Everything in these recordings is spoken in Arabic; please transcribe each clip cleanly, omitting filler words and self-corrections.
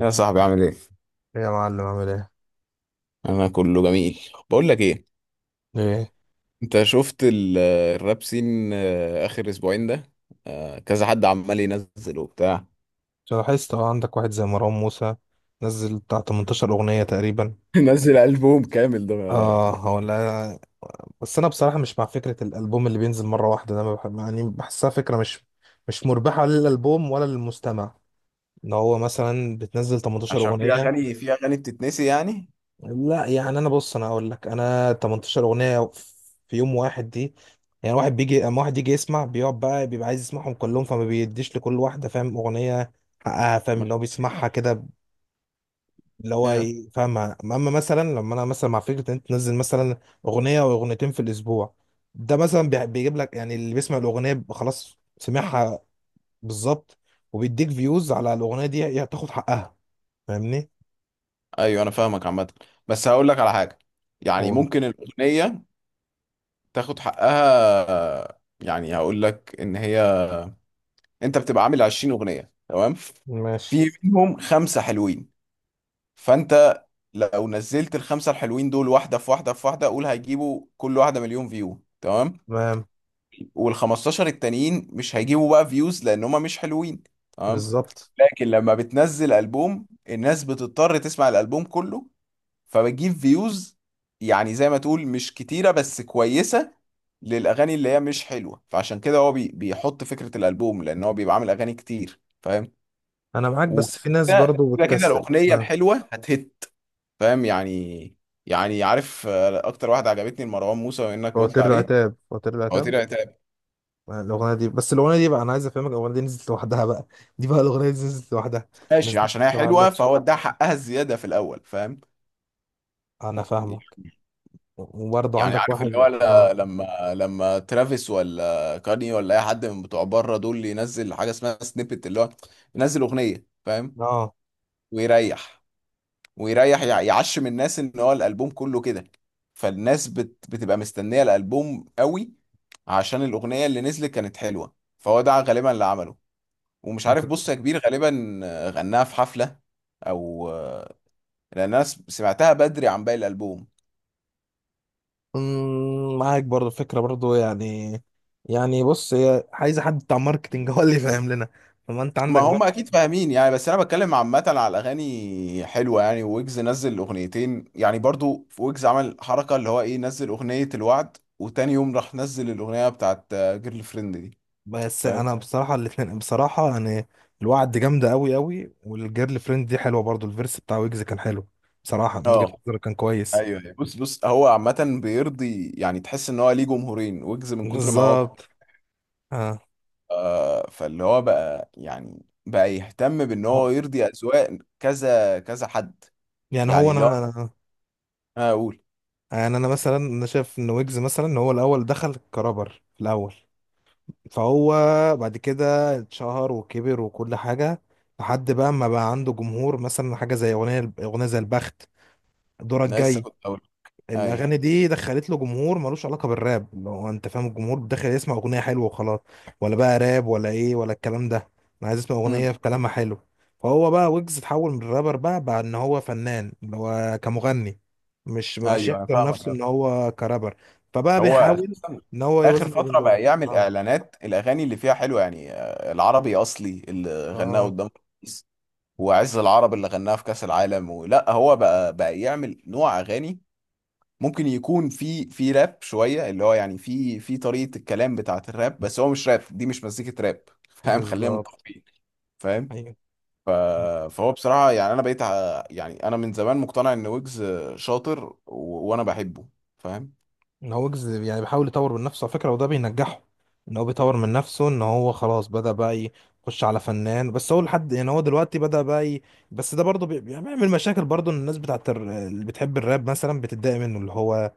يا صاحبي عامل ايه؟ ايه يا معلم عامل ايه؟ انا كله جميل. بقول لك ايه، ايه؟ انت شفت الراب سين اخر اسبوعين ده. كذا حد عمال ينزل وبتاع. عشان لاحظت عندك واحد زي مروان موسى نزل بتاع 18 اغنية تقريبا. نزل ألبوم كامل ده. اه، هو لا، بس انا بصراحة مش مع فكرة الالبوم اللي بينزل مرة واحدة ده. ما بح... يعني بحسها فكرة مش مربحة، لا للالبوم ولا للمستمع، ان هو مثلا بتنزل 18 عشان في اغنية. اغاني في اغاني بتتنسي يعني. لا يعني، انا بص انا اقول لك، انا 18 اغنية في يوم واحد دي، يعني واحد بيجي، اما واحد يجي يسمع بيقعد بقى بيبقى عايز يسمعهم كلهم، فما بيديش لكل واحدة، فاهم، اغنية حقها، فاهم ما- اللي هو بيسمعها كده. آه. فاهم، اما مثلا لما انا مثلا مع فكره ان انت تنزل مثلا اغنيه او اغنيتين في الاسبوع، ده مثلا بيجيب لك، يعني اللي بيسمع الاغنيه بيبقى خلاص سمعها بالظبط، وبيديك فيوز على الاغنيه دي، هي تاخد حقها، فاهمني. ايوه انا فاهمك عامه، بس هقول لك على حاجه، يعني هو ممكن الاغنيه تاخد حقها. يعني هقول لك ان هي، انت بتبقى عامل 20 اغنيه تمام، ماشي في منهم خمسه حلوين، فانت لو نزلت الخمسه الحلوين دول واحده في واحده في واحده، قول هيجيبوا كل واحده مليون فيو تمام. تمام وال 15 التانيين مش هيجيبوا بقى فيوز لان هما مش حلوين، تمام. بالظبط. لكن لما بتنزل البوم الناس بتضطر تسمع الالبوم كله، فبتجيب فيوز، يعني زي ما تقول مش كتيره بس كويسه، للاغاني اللي هي مش حلوه. فعشان كده هو بيحط فكره الالبوم لان هو بيبقى عامل اغاني كتير، فاهم. انا معاك، بس في ناس وكده برضو كده كده بتكسل. الاغنيه اه. الحلوه هتهت، فاهم يعني. يعني عارف، اكتر واحده عجبتني لمروان موسى وانك قلت فواتير عليه، العتاب، فواتير هو العتاب. طلع طلع- الاغنيه دي، بس الاغنيه دي بقى، انا عايز افهمك الاغنيه دي نزلت لوحدها بقى، دي بقى الاغنيه دي نزلت لوحدها، ما ماشي نزلتش عشان هي ما حلوه قالكش. فهو اداها حقها الزياده في الاول، فاهم. انا فاهمك. وبرضه يعني عندك عارف اللي هو، واحد، ل- اه. لما لما ترافيس ولا كاني ولا اي حد من بتوع بره دول ينزل حاجه اسمها سنيبت، اللي هو ينزل اغنيه فاهم، اه. ويريح. يعشم الناس ان هو الالبوم كله كده، فالناس بتبقى مستنيه الالبوم قوي، عشان الاغنيه اللي نزلت كانت حلوه. فهو ده غالبا اللي عمله، ومش عارف بص يا كبير، غالبا غناها في حفلة او، لان انا سمعتها بدري عن باقي الالبوم. معاك برضه فكرة برضه يعني. يعني بص، هي عايزة حد بتاع ماركتينج هو اللي فاهم لنا. فما انت ما عندك هم برضه. اكيد فاهمين يعني، بس انا بتكلم عامة على الاغاني حلوة. يعني ويجز نزل اغنيتين، يعني برضو في ويجز عمل حركة اللي هو ايه، نزل اغنية الوعد وتاني يوم راح نزل الاغنية بتاعت جيرل فريند دي، بس فاهم. انا بصراحة الاتنين بصراحة يعني، الوعد جامدة قوي قوي، والجيرل فريند دي حلوة برضه، الفيرس بتاع ويجز كان حلو، بصراحة من وجهة اه، نظري كان كويس. ايوه أيوة. بص بص هو عامة بيرضي، يعني تحس ان هو ليه جمهورين، ويجز من كتر ما هو. بالظبط. اه. آه، فاللي هو بقى يهتم بان هو- هو يرضي اذواق كذا كذا حد. يعني هو يعني اللي هو انا انا انا اقول، يعني انا مثلا، انا شايف ان ويجز مثلا هو الاول دخل كرابر في الاول، فهو بعد كده اتشهر وكبر وكل حاجة، لحد بقى ما بقى عنده جمهور. مثلا حاجة زي أغنية زي البخت، دورك انا لسه جاي، كنت اقول ايوه. الأغاني دي دخلت له جمهور ملوش علاقة بالراب، لو أنت فاهم، الجمهور داخل يسمع أغنية حلوة وخلاص، ولا بقى راب ولا إيه ولا الكلام ده، أنا عايز أسمع امم أغنية في كلامها حلو. فهو بقى ويجز اتحول من الرابر، بقى إن هو فنان، اللي هو كمغني، مش مبقاش ايوه انا يحكر فاهمك نفسه أوي. إن هو كرابر، فبقى هو بيحاول أساساً إن هو اخر يوازن ما بين فتره دول. بقى يعمل آه، اعلانات، الاغاني اللي فيها حلوه يعني، العربي اصلي اللي غناه آه، قدام الرئيس، وعز العرب اللي غناها في كاس العالم. ولا هو بقى يعمل نوع اغاني ممكن يكون في راب شويه، اللي هو يعني في طريقه الكلام بتاعه الراب، بس هو مش راب، دي مش مزيكه راب فاهم، خلينا بالظبط، متفقين، فاهم. ايوه. فهو بصراحه يعني انا يعني انا من زمان مقتنع ان ويجز شاطر و... وانا بحبه، فاهم. يعني بيحاول يطور من نفسه على فكره، وده بينجحه، ان هو بيطور من نفسه، ان هو خلاص بدا بقى يخش على فنان، بس هو لحد يعني هو دلوقتي بس ده يعني بيعمل مشاكل برضه، إن الناس اللي بتحب الراب مثلا بتتضايق منه، اللي هو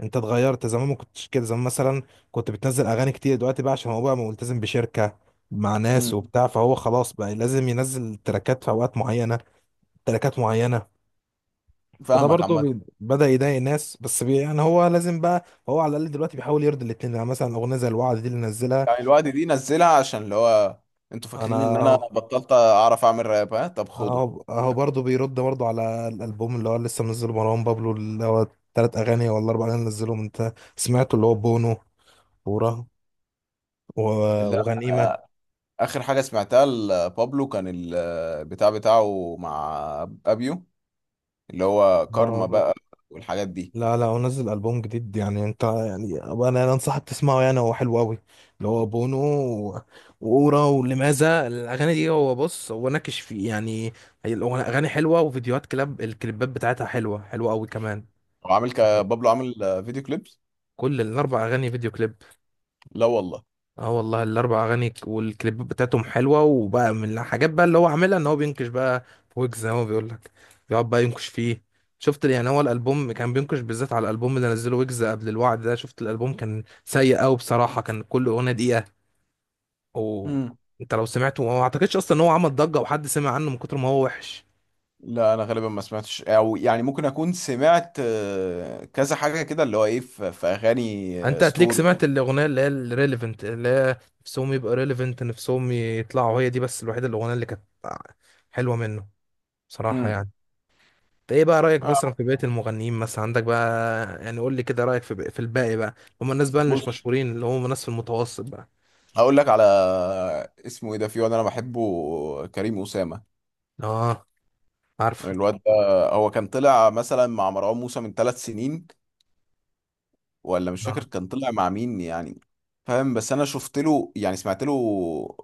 انت اتغيرت زمان، ما كنتش كده زمان، مثلا كنت بتنزل اغاني كتير، دلوقتي بقى عشان هو بقى ملتزم بشركه مع امم ناس وبتاع، فهو خلاص بقى لازم ينزل تراكات في اوقات معينه، تراكات معينه. فده فاهمك برضه عامه. بدأ يضايق ناس، بس بي يعني هو لازم بقى، هو على الأقل دلوقتي بيحاول يرضي الاتنين، يعني مثلا أغنية زي الوعد دي اللي نزلها. يعني الوقت دي نزلها عشان اللي هو، انتوا فاكرين ان انا أنا بطلت اعرف اعمل راب؟ ها طب خده. أهو، أهو برضه بيرد برضه على الألبوم اللي هو لسه منزله مروان بابلو، اللي هو تلات أغاني ولا أربع أغاني نزلهم، أنت سمعته، اللي هو بونو، ورا، لا، وغنيمة. اخر حاجه سمعتها لبابلو كان البتاع بتاعه مع ابيو، اللي هو كارما بقى والحاجات دي. لا لا، هو نزل ألبوم جديد، يعني انت يعني أبقى، انا انصحك تسمعه، يعني هو حلو قوي، اللي هو بونو وأورا ولماذا، الأغاني دي، هو بص هو ناكش فيه يعني، أغاني حلوة، وفيديوهات الكليبات بتاعتها حلوة، حلوة قوي كمان، هو عامل بابلو عامل فيديو كليبس؟ كل الأربع أغاني فيديو كليب. لا والله. اه والله، الاربع اغاني والكليبات بتاعتهم حلوه، وبقى من الحاجات بقى اللي هو عاملها، ان هو بينكش بقى في ويجز، زي ما هو بيقول لك، بيقعد بقى ينكش فيه. شفت يعني هو الالبوم، كان بينكش بالذات على الالبوم اللي نزله ويجز قبل الوعد ده. شفت الالبوم، كان سيء قوي بصراحه، كان كل اغنيه دقيقه، امم وانت لو سمعته ما اعتقدش اصلا ان هو عمل ضجه، وحد سمع عنه من كتر ما هو وحش. لا انا غالبا ما سمعتش، او يعني ممكن اكون سمعت كذا حاجه كده اللي هو ايه، في اغاني انت هتليك ستوري سمعت الاغنيه اللي هي الريليفنت، اللي هي نفسهم يبقى ريليفنت، نفسهم يطلعوا، هي دي بس الوحيده الاغنيه اللي كانت حلوه منه بصراحه امم يعني. ايه بقى رأيك آه، مثلا في بقية المغنيين مثلا عندك بقى؟ يعني قول لي كده رأيك في الباقي بقى، هم الناس بقى اللي بص مش مشهورين، اللي هم الناس في المتوسط بقى. هقول لك على، اسمه ايه ده، في واد انا بحبه، كريم اسامه. اه، عارفه. الواد ده هو كان طلع مثلا مع مروان موسى من 3 سنين، ولا مش فاكر اه. كان طلع مع مين يعني، فاهم. بس انا شفت له يعني سمعت له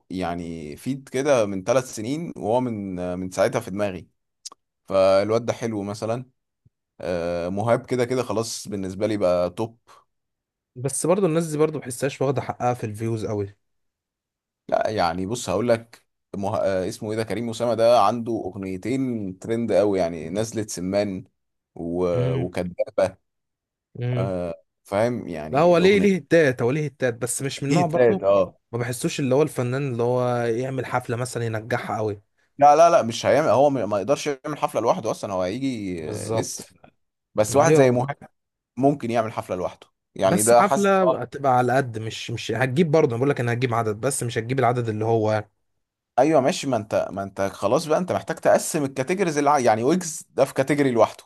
يعني فيد كده من 3 سنين، وهو من من ساعتها في دماغي. فالواد ده حلو مثلا. مهاب كده كده خلاص، بالنسبه لي بقى توب. بس برضو الناس دي برضو بحسهاش واخدة حقها في الفيوز قوي. لا يعني بص هقول لك، مه... آه، اسمه ايه ده، كريم اسامه ده عنده اغنيتين ترند قوي، يعني نزلة سمان و... امم. وكدابه، امم. آه، فاهم لا، يعني هو ليه الاغنيتين. هتات، هو ليه هتات، بس مش من نوع برضو، التالت اه. ما بحسوش اللي هو الفنان اللي هو يعمل حفلة مثلا ينجحها قوي. لا لا لا مش هيعمل، هو ما يقدرش يعمل حفله لوحده اصلا، هو هيجي لسه بالظبط. بس واحد زي ايوه. مهاب ممكن يعمل حفله لوحده، يعني بس ده حاسس. حفلة هتبقى على قد، مش هتجيب برضه، أنا بقول لك انا هتجيب عدد، بس مش هتجيب العدد اللي هو، ايوه ماشي، ما انت خلاص بقى، انت محتاج تقسم الكاتيجوريز اللي يعني ويجز ده في كاتيجوري لوحده،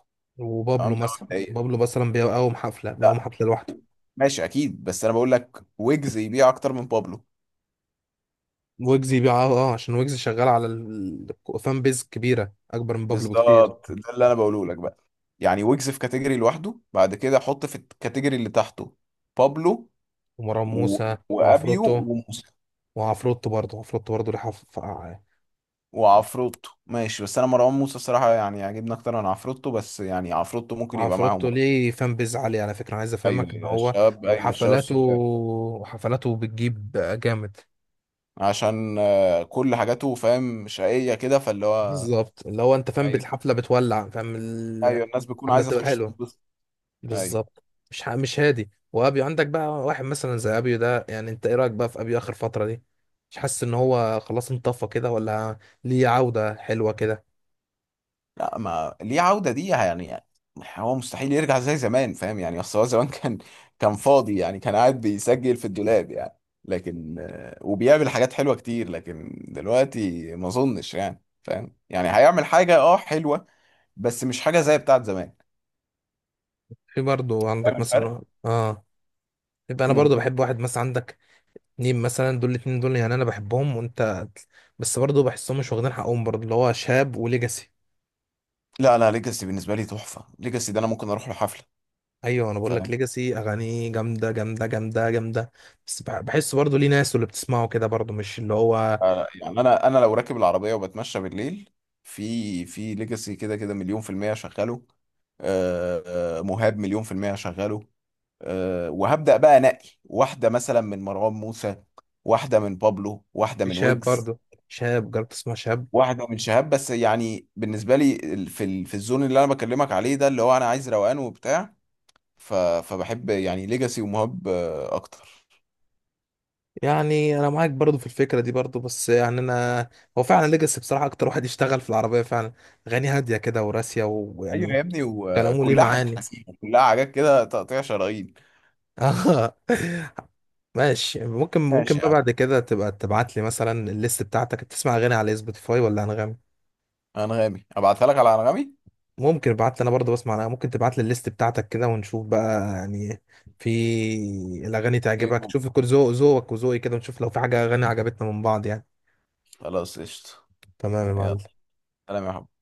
تمام وبابلو ده مثلا مبدئيا. بابلو مثلا بيقوم لا حفله لوحده. ماشي اكيد، بس انا بقول لك ويجز يبيع اكتر من بابلو. ويجز بيقع عشان ويجز شغال على الفان بيز كبيره اكبر من بابلو بكتير. بالظبط ده اللي انا بقوله لك بقى، يعني ويجز في كاتيجوري لوحده، بعد كده حط في الكاتيجوري اللي تحته بابلو ومروان و... موسى وابيو وعفروتو، وموسى وعفروتو برضه عفروتو برضه وعفروتو. ماشي بس انا مروان موسى الصراحه يعني عاجبني اكتر من عفروتو، بس يعني عفروتو ممكن يبقى معاهم عفروتو برضه. ليه فان بيز عالي على فكره، عايز ايوه افهمك ان ايوه هو، الشباب ايوه الشباب، وحفلاته بتجيب جامد، عشان كل حاجاته فاهم شقية كده، فاللي هو، بالظبط، اللي هو انت فاهم ايوه الحفله بتولع، فاهم ايوه الناس بتكون الحفله عايزة بتبقى تخش حلوه، تنبسط، ايوه. بالظبط. مش هادي. وابيو، عندك بقى واحد مثلا زي ابيو ده، يعني انت ايه رايك بقى في ابيو اخر فتره دي؟ مش حاسس ان هو خلاص انطفى كده، ولا ليه عوده حلوه كده؟ لا ما ليه عودة دي يعني يعني، هو مستحيل يرجع زي زمان، فاهم يعني، اصل هو زمان كان كان فاضي يعني، كان قاعد بيسجل في الدولاب يعني. لكن وبيعمل حاجات حلوة كتير، لكن دلوقتي ما اظنش يعني، فاهم يعني هيعمل حاجة اه حلوة، بس مش حاجة زي بتاعت زمان، في برضه فاهم عندك الفرق؟ مثلا، اه، يبقى انا برضه امم بحب واحد مثلا عندك، نيم مثلا، دول الاتنين دول يعني انا بحبهم، وانت، بس برضه بحسهم مش واخدين حقهم برضه، اللي هو شاب وليجاسي. لا لا، ليجاسي بالنسبة لي تحفة، ليجاسي ده انا ممكن اروح له حفلة. ايوه، انا بقول لك ليجاسي اغانيه جامده جامده جامده جامده، بس بحس برضه ليه ناس، واللي بتسمعه كده برضه مش اللي هو، يعني انا انا لو راكب العربيه وبتمشى بالليل، في ليجاسي كده كده مليون في المية شغاله، آه، مهاب مليون في المية شغاله. وهبدأ بقى انقي واحدة مثلا من مروان موسى، واحدة من بابلو، واحدة من شاب ويجز، برضه، شاب، جربت تسمع شاب؟ واحدة من شهاب. بس يعني بالنسبة لي في الزون اللي انا بكلمك عليه ده، اللي هو انا عايز روقان وبتاع، فبحب يعني ليجاسي ومهاب اكتر يعني انا معاك برضو في الفكره دي برضو، بس يعني انا، هو فعلا ليجاسي بصراحه اكتر واحد يشتغل في العربيه فعلا، اغاني هاديه كده وراسيه، ايوه ويعني يا ابني، كلامه ليه وكلها حاجات معاني. حسينة، كلها حاجات كده تقطيع شرايين. اه. ماشي، ممكن ماشي يا بقى عم. بعد كده تبقى تبعت لي مثلا الليست بتاعتك، بتسمع اغاني على سبوتيفاي ولا انغامي؟ انغامي، ابعتها لك على انغامي. ممكن ابعت لي، انا برضو بسمع، أنا ممكن تبعت لي الليست بتاعتك كده ونشوف بقى يعني، في الاغاني تعجبك، تشوف كل ذوقك وذوقي كده، ونشوف لو في حاجه اغاني عجبتنا من بعض يعني. خلاص قشطه. تمام يا يلا، معلم. سلام يا حبيبي.